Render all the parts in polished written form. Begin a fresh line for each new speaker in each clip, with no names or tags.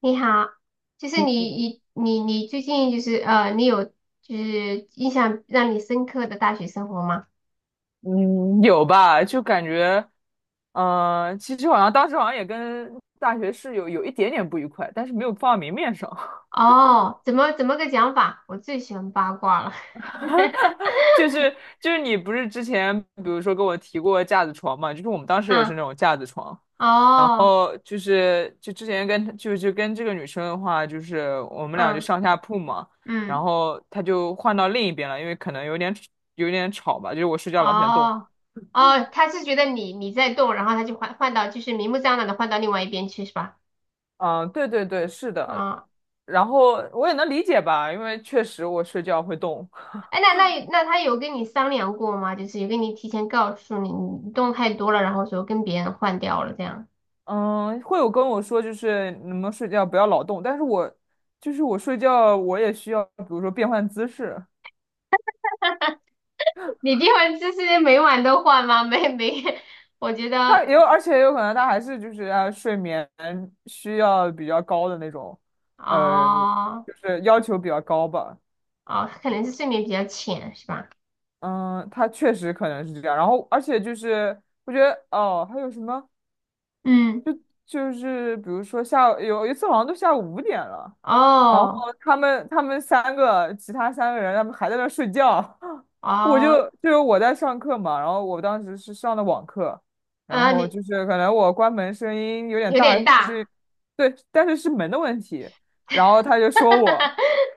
你好，就是你最近就是你有就是印象让你深刻的大学生活吗？
嗯，有吧？就感觉，其实好像当时好像也跟大学室友有一点点不愉快，但是没有放到明面上。
哦，怎么个讲法？我最喜欢八卦了。
就是 就是你不是之前比如说跟我提过架子床嘛？就是我们当时也是
嗯，
那种架子床，然
哦，
后就是就之前跟就就跟这个女生的话，就是我们俩就
嗯
上下铺嘛，然
嗯，
后她就换到另一边了，因为可能有点吵吧，就是我睡觉老喜欢动。
哦哦，他是觉得你在动，然后他就换到就是明目张胆的换到另外一边去是吧？
嗯，对对对，是的，
啊，
然后我也能理解吧，因为确实我睡觉会动。
哎，那他有跟你商量过吗？就是有跟你提前告诉你动太多了，然后说跟别人换掉了这样。
嗯，会有跟我说就是你们睡觉不要老动，但是我就是我睡觉我也需要，比如说变换姿势。
你这会儿就是每晚都换吗？没没，我觉
他
得
也有，而且也有可能他还是就是睡眠需要比较高的那种，
哦
就是要求比较高吧。
哦，可能是睡眠比较浅是吧？
嗯，他确实可能是这样，然后而且就是我觉得还有什么
嗯，
就是比如说下午有一次好像都下午五点了。然后
哦
他们三个，其他三个人，他们还在那儿睡觉，我
哦，
就就是我在上课嘛，然后我当时是上的网课，然后
你
就是可能我关门声音有点
有
大，
点
是，
大，
对，但是是门的问题，然后他就说我，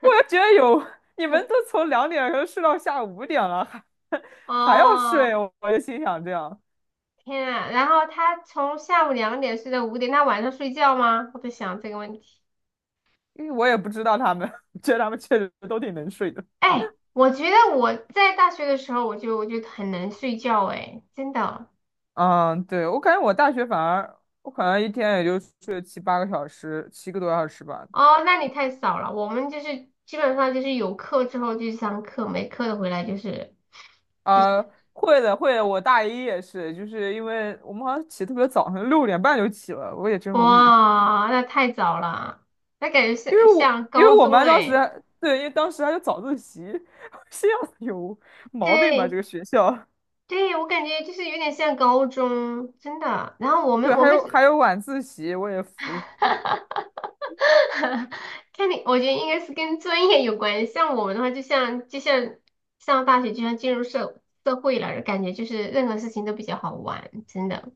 我 就觉得有你们都从2点钟睡到下午五点了，还 还要睡，
哦，
我就心想这样，
天啊！然后他从下午2点睡到5点，他晚上睡觉吗？我在想这个问题。
因为我也不知道他们，觉得他们确实都挺能睡的。
哎，我觉得我在大学的时候，我就很能睡觉，哎，真的。
嗯，对，我感觉我大学反而我可能一天也就睡七八个小时，7个多小时吧。
哦，那你太少了。我们就是基本上就是有课之后就去上课，没课的回来就是就
啊、
是
会的，会的，我大一也是，就是因为我们好像起得特别早，好像6点半就起了，我也真无语。
哇，那太早了，那感觉像像
因为
高
我们
中
班当时
哎。
还对，因为当时还有早自习，我心想有毛病吧这
对
个学校。
对，我感觉就是有点像高中，真的。然后我们
对，
我
还
们
有 还有晚自习，我也服了。
看你，我觉得应该是跟专业有关系。像我们的话，就像上大学，就像进入社会了，感觉就是任何事情都比较好玩，真的。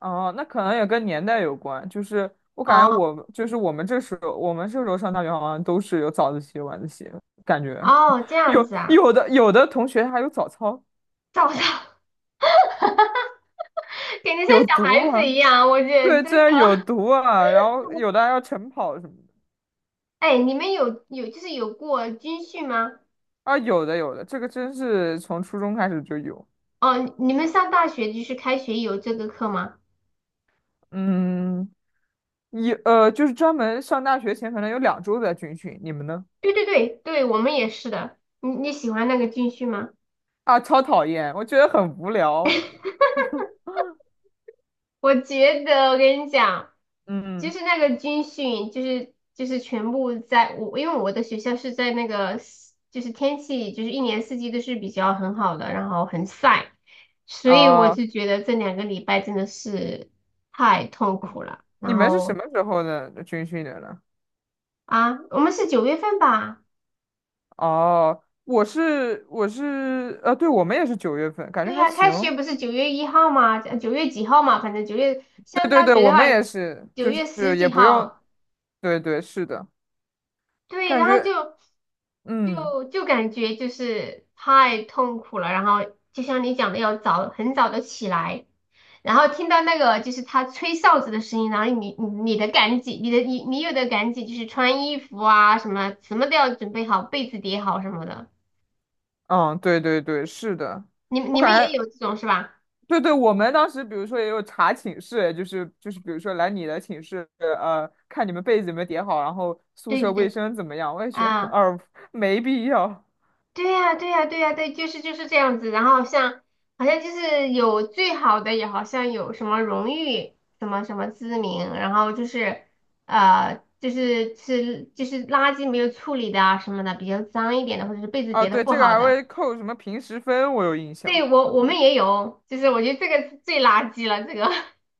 哦，那可能也跟年代有关，就是我感觉
哦
我就是我们这时候，我们这时候上大学好像都是有早自习、晚自习，感觉
哦，这 样
有
子啊。
有的有的同学还有早操，
早上 感觉像
有
小孩
毒啊。
子一样，我觉得真
对，
的。
这有毒啊，然后有的还要晨跑什么的。
哎，你们有就是有过军训吗？
啊，有的有的，这个真是从初中开始就有。
哦，你们上大学就是开学有这个课吗？
嗯，有就是专门上大学前可能有2周在军训，你们呢？
对对对对，我们也是的。你喜欢那个军训吗？
啊，超讨厌，我觉得很无聊。
我觉得我跟你讲，就
嗯
是那个军训，就是全部在我，因为我的学校是在那个就是天气就是一年四季都是比较很好的，然后很晒，所以我
啊。
就觉得这2个礼拜真的是太痛苦了。
你
然
们是什
后
么时候的军训的呢？
啊，我们是9月份吧？
哦，我是我是呃，对，我们也是9月份，感觉
对
还
呀，开学
行。
不是9月1号吗？九月几号嘛？反正九月，
对
上
对
大
对，
学的
我们
话，
也是，
九
就
月十
是也
几
不用，
号。
对对，是的，
对，
感
然后
觉
就
嗯
就就感觉就是太痛苦了，然后就像你讲的，要早很早的起来，然后听到那个就是他吹哨子的声音，然后你你的赶紧，你有的赶紧就是穿衣服啊什么什么都要准备好，被子叠好什么的，
嗯，对对对，是的，
你
我
你们
感
也
觉
有这种是吧？
对对，我们当时比如说也有查寝室，就是比如说来你的寝室，看你们被子有没有叠好，然后宿
对对
舍卫
对，
生怎么样，我也觉得
啊。
哦，没必要。
对呀，对呀，对呀，对，就是这样子。然后像好像就是有最好的，也好像有什么荣誉，什么什么知名，然后就是就是垃圾没有处理的啊什么的，比较脏一点的，或者是被子
啊，
叠的
对，
不
这个
好
还
的。
会扣什么平时分，我有印象。
对，我们也有，就是我觉得这个是最垃圾了，这个，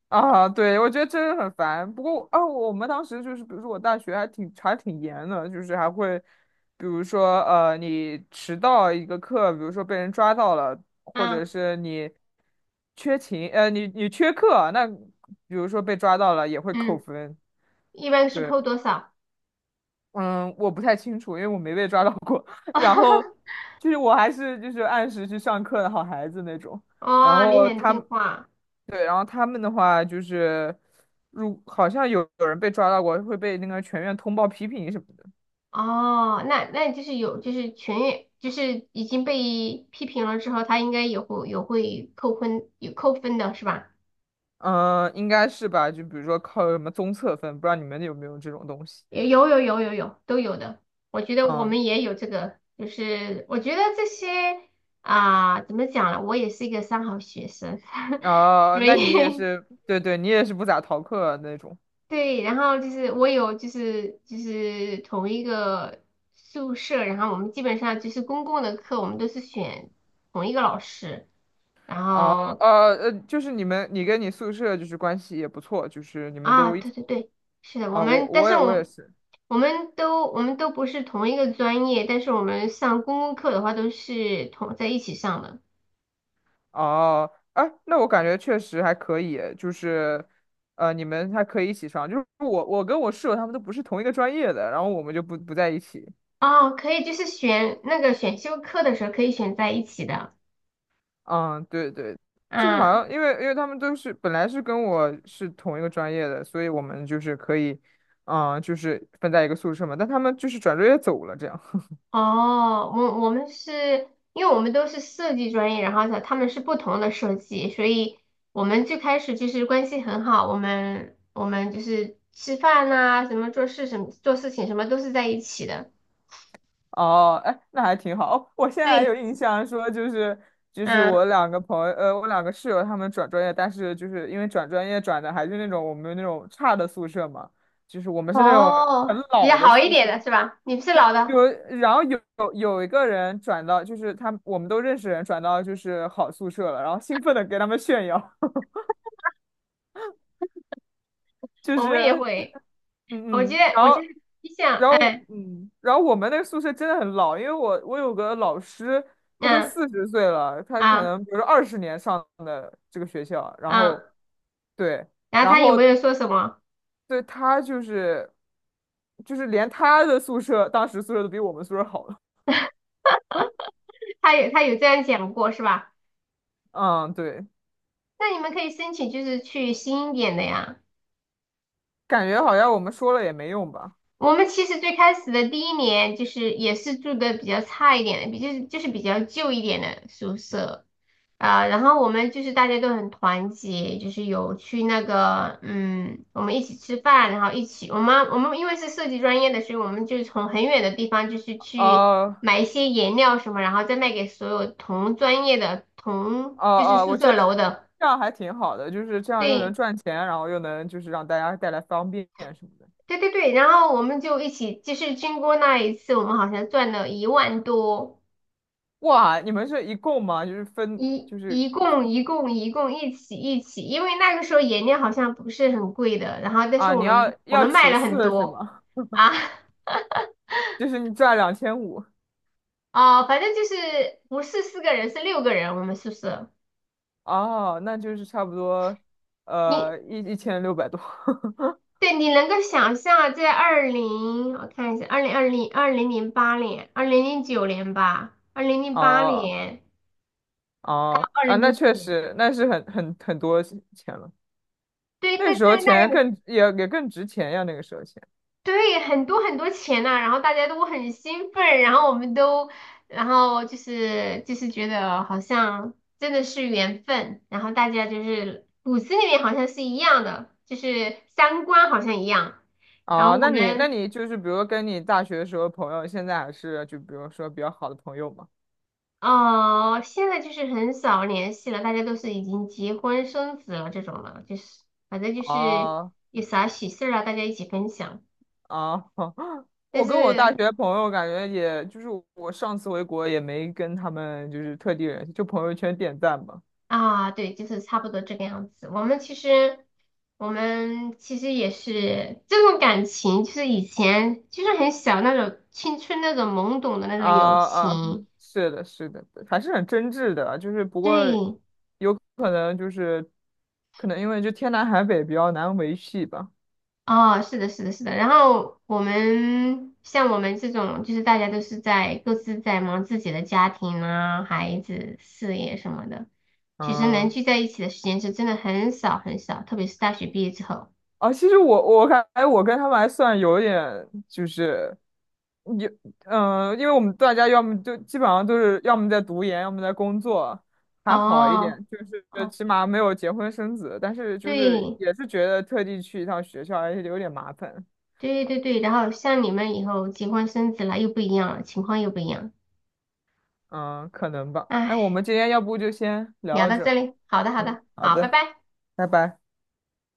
啊，对，我觉得真的很烦。不过啊，我们当时就是，比如说我大学还挺严的，就是还会，比如说你迟到一个课，比如说被人抓到了，或者
嗯
是你缺勤，你缺课，那比如说被抓到了也会扣
嗯，
分。
一般是
对，
扣多少？
嗯，我不太清楚，因为我没被抓到过。然后 就是我还是就是按时去上课的好孩子那种。然
哦，你
后
很
他
听话。
对，然后他们的话就是，如好像有人被抓到过，会被那个全院通报批评什么的。
哦，那就是有，就是全员，就是已经被批评了之后，他应该也会有会扣分，有扣分的是吧？
嗯，应该是吧？就比如说靠什么综测分，不知道你们有没有这种东西？
有有有有有有都有的，我觉得我
嗯，
们也有这个，就是我觉得这些啊、怎么讲呢？我也是一个三好学生，
啊，
所
那你也
以
是，对对，你也是不咋逃课啊那种。
对，然后就是我有就是同一个宿舍，然后我们基本上就是公共的课，我们都是选同一个老师。然
啊
后
就是你们，你跟你宿舍就是关系也不错，就是你们
啊，
都一
对
起
对对，是的，我
啊，
们，但是
我也
我
是。
我们都我们都不是同一个专业，但是我们上公共课的话都是同在一起上的。
哦，哎，那我感觉确实还可以，就是，呃，你们还可以一起上，就是我跟我室友他们都不是同一个专业的，然后我们就不在一起。
哦，可以，就是选那个选修课的时候可以选在一起的。
嗯，对对，这个好
啊，
像因为他们都是本来是跟我是同一个专业的，所以我们就是可以，嗯，就是分在一个宿舍嘛，但他们就是转专业走了这样。
哦，我们是因为我们都是设计专业，然后呢他们是不同的设计，所以我们最开始就是关系很好，我们就是吃饭呐、什么做事什么做事情什么都是在一起的。
哦，哎，那还挺好。哦，我现在还有
对。
印象说，就是
嗯
我两个朋友，我两个室友他们转专业，但是就是因为转专业转的还是那种我们那种差的宿舍嘛，就是我们是那种很
哦，比较
老的
好一
宿
点
舍。
的是吧？你是老的，
有，然后有一个人转到，就是他，我们都认识人转到就是好宿舍了，然后兴奋的给他们炫耀，就
我们也
是。
会。我
嗯
记得，
嗯，
我记得你想，哎，
嗯，然后我们那个宿舍真的很老，因为我有个老师，他都
嗯
40岁了，他可
啊
能比如说20年上的这个学校，然
啊，
后对，
然后
然
他有
后
没有说什么？
对他就是连他的宿舍当时宿舍都比我们宿舍好了。
他有，他有这样讲过是吧？
嗯，对，
那你们可以申请，就是去新一点的呀。
感觉好像我们说了也没用吧，
我们其实最开始的第一年，就是也是住的比较差一点的，就是比较旧一点的宿舍。啊，然后我们就是大家都很团结，就是有去那个，嗯，我们一起吃饭，然后一起，我们因为是设计专业的，所以我们就从很远的地方就是去
呃，
买一些颜料什么，然后再卖给所有同专业的
呃
就是宿
我觉
舍楼
得
的，
这样还挺好的，就是这样又能
对
赚钱，然后又能就是让大家带来方便什么的。
对对对，然后我们就一起，就是经过那一次，我们好像赚了1万多。
哇，你们是一共吗？就是分，
一
就是
一共一共一共一起一起，因为那个时候颜料好像不是很贵的，然后但是
啊，
我
你要
们我
要
们卖
除
了很
四是
多
吗？
啊
就是你赚2500。
哦，反正就是不是4个人是6个人，我们宿舍
哦，那就是差不多，
你
呃，一千六百多，
对你能够想象在二零我看一下二零二零二零零八年二零零九年吧二零零八
哦
年
哦
二
啊，
零
那
零九
确
年
实，那是很很多钱了。
对
那个
对
时
对
候钱
那个。
也更值钱呀，那个时候钱。
对，很多很多钱呐、然后大家都很兴奋，然后我们都，然后就是觉得好像真的是缘分，然后大家就是骨子里面好像是一样的，就是三观好像一样。然后
哦，
我
那你那
们
你就是比如跟你大学的时候的朋友，现在还是就比如说比较好的朋友嘛。
哦，现在就是很少联系了，大家都是已经结婚生子了这种了，就是反正就是
哦
有啥喜事儿啊，大家一起分享。
啊，
但
我跟我大
是
学朋友感觉也，就是我上次回国也没跟他们就是特地联系，就朋友圈点赞吧。
啊，对，就是差不多这个样子。我们其实也是这种感情，就是以前就是很小那种青春那种懵懂的那种友
啊啊，
情。
是的，是的，还是很真挚的，就是不过
对，
可能就是可能因为就天南海北比较难维系吧。
哦，是的，是的，是的。然后我们像我们这种，就是大家都是在各自在忙自己的家庭啊、孩子、事业什么的，其实能
嗯
聚在一起的时间是真的很少很少，特别是大学毕业之后。
啊，其实我感觉我跟他们还算有点就是有因为我们大家要么就基本上都是要么在读研，要么在工作，还好一点，
哦，
就是
哦，
起码没有结婚生子，但是就是
对。
也是觉得特地去一趟学校还是有点麻烦。
对对对，然后像你们以后结婚生子了又不一样了，情况又不一样。
嗯，可能吧。哎，
哎，
我们今天要不就先聊
聊
到
到
这
这
儿。
里，好的好
嗯，
的，
好
好，拜
的，
拜。
拜拜。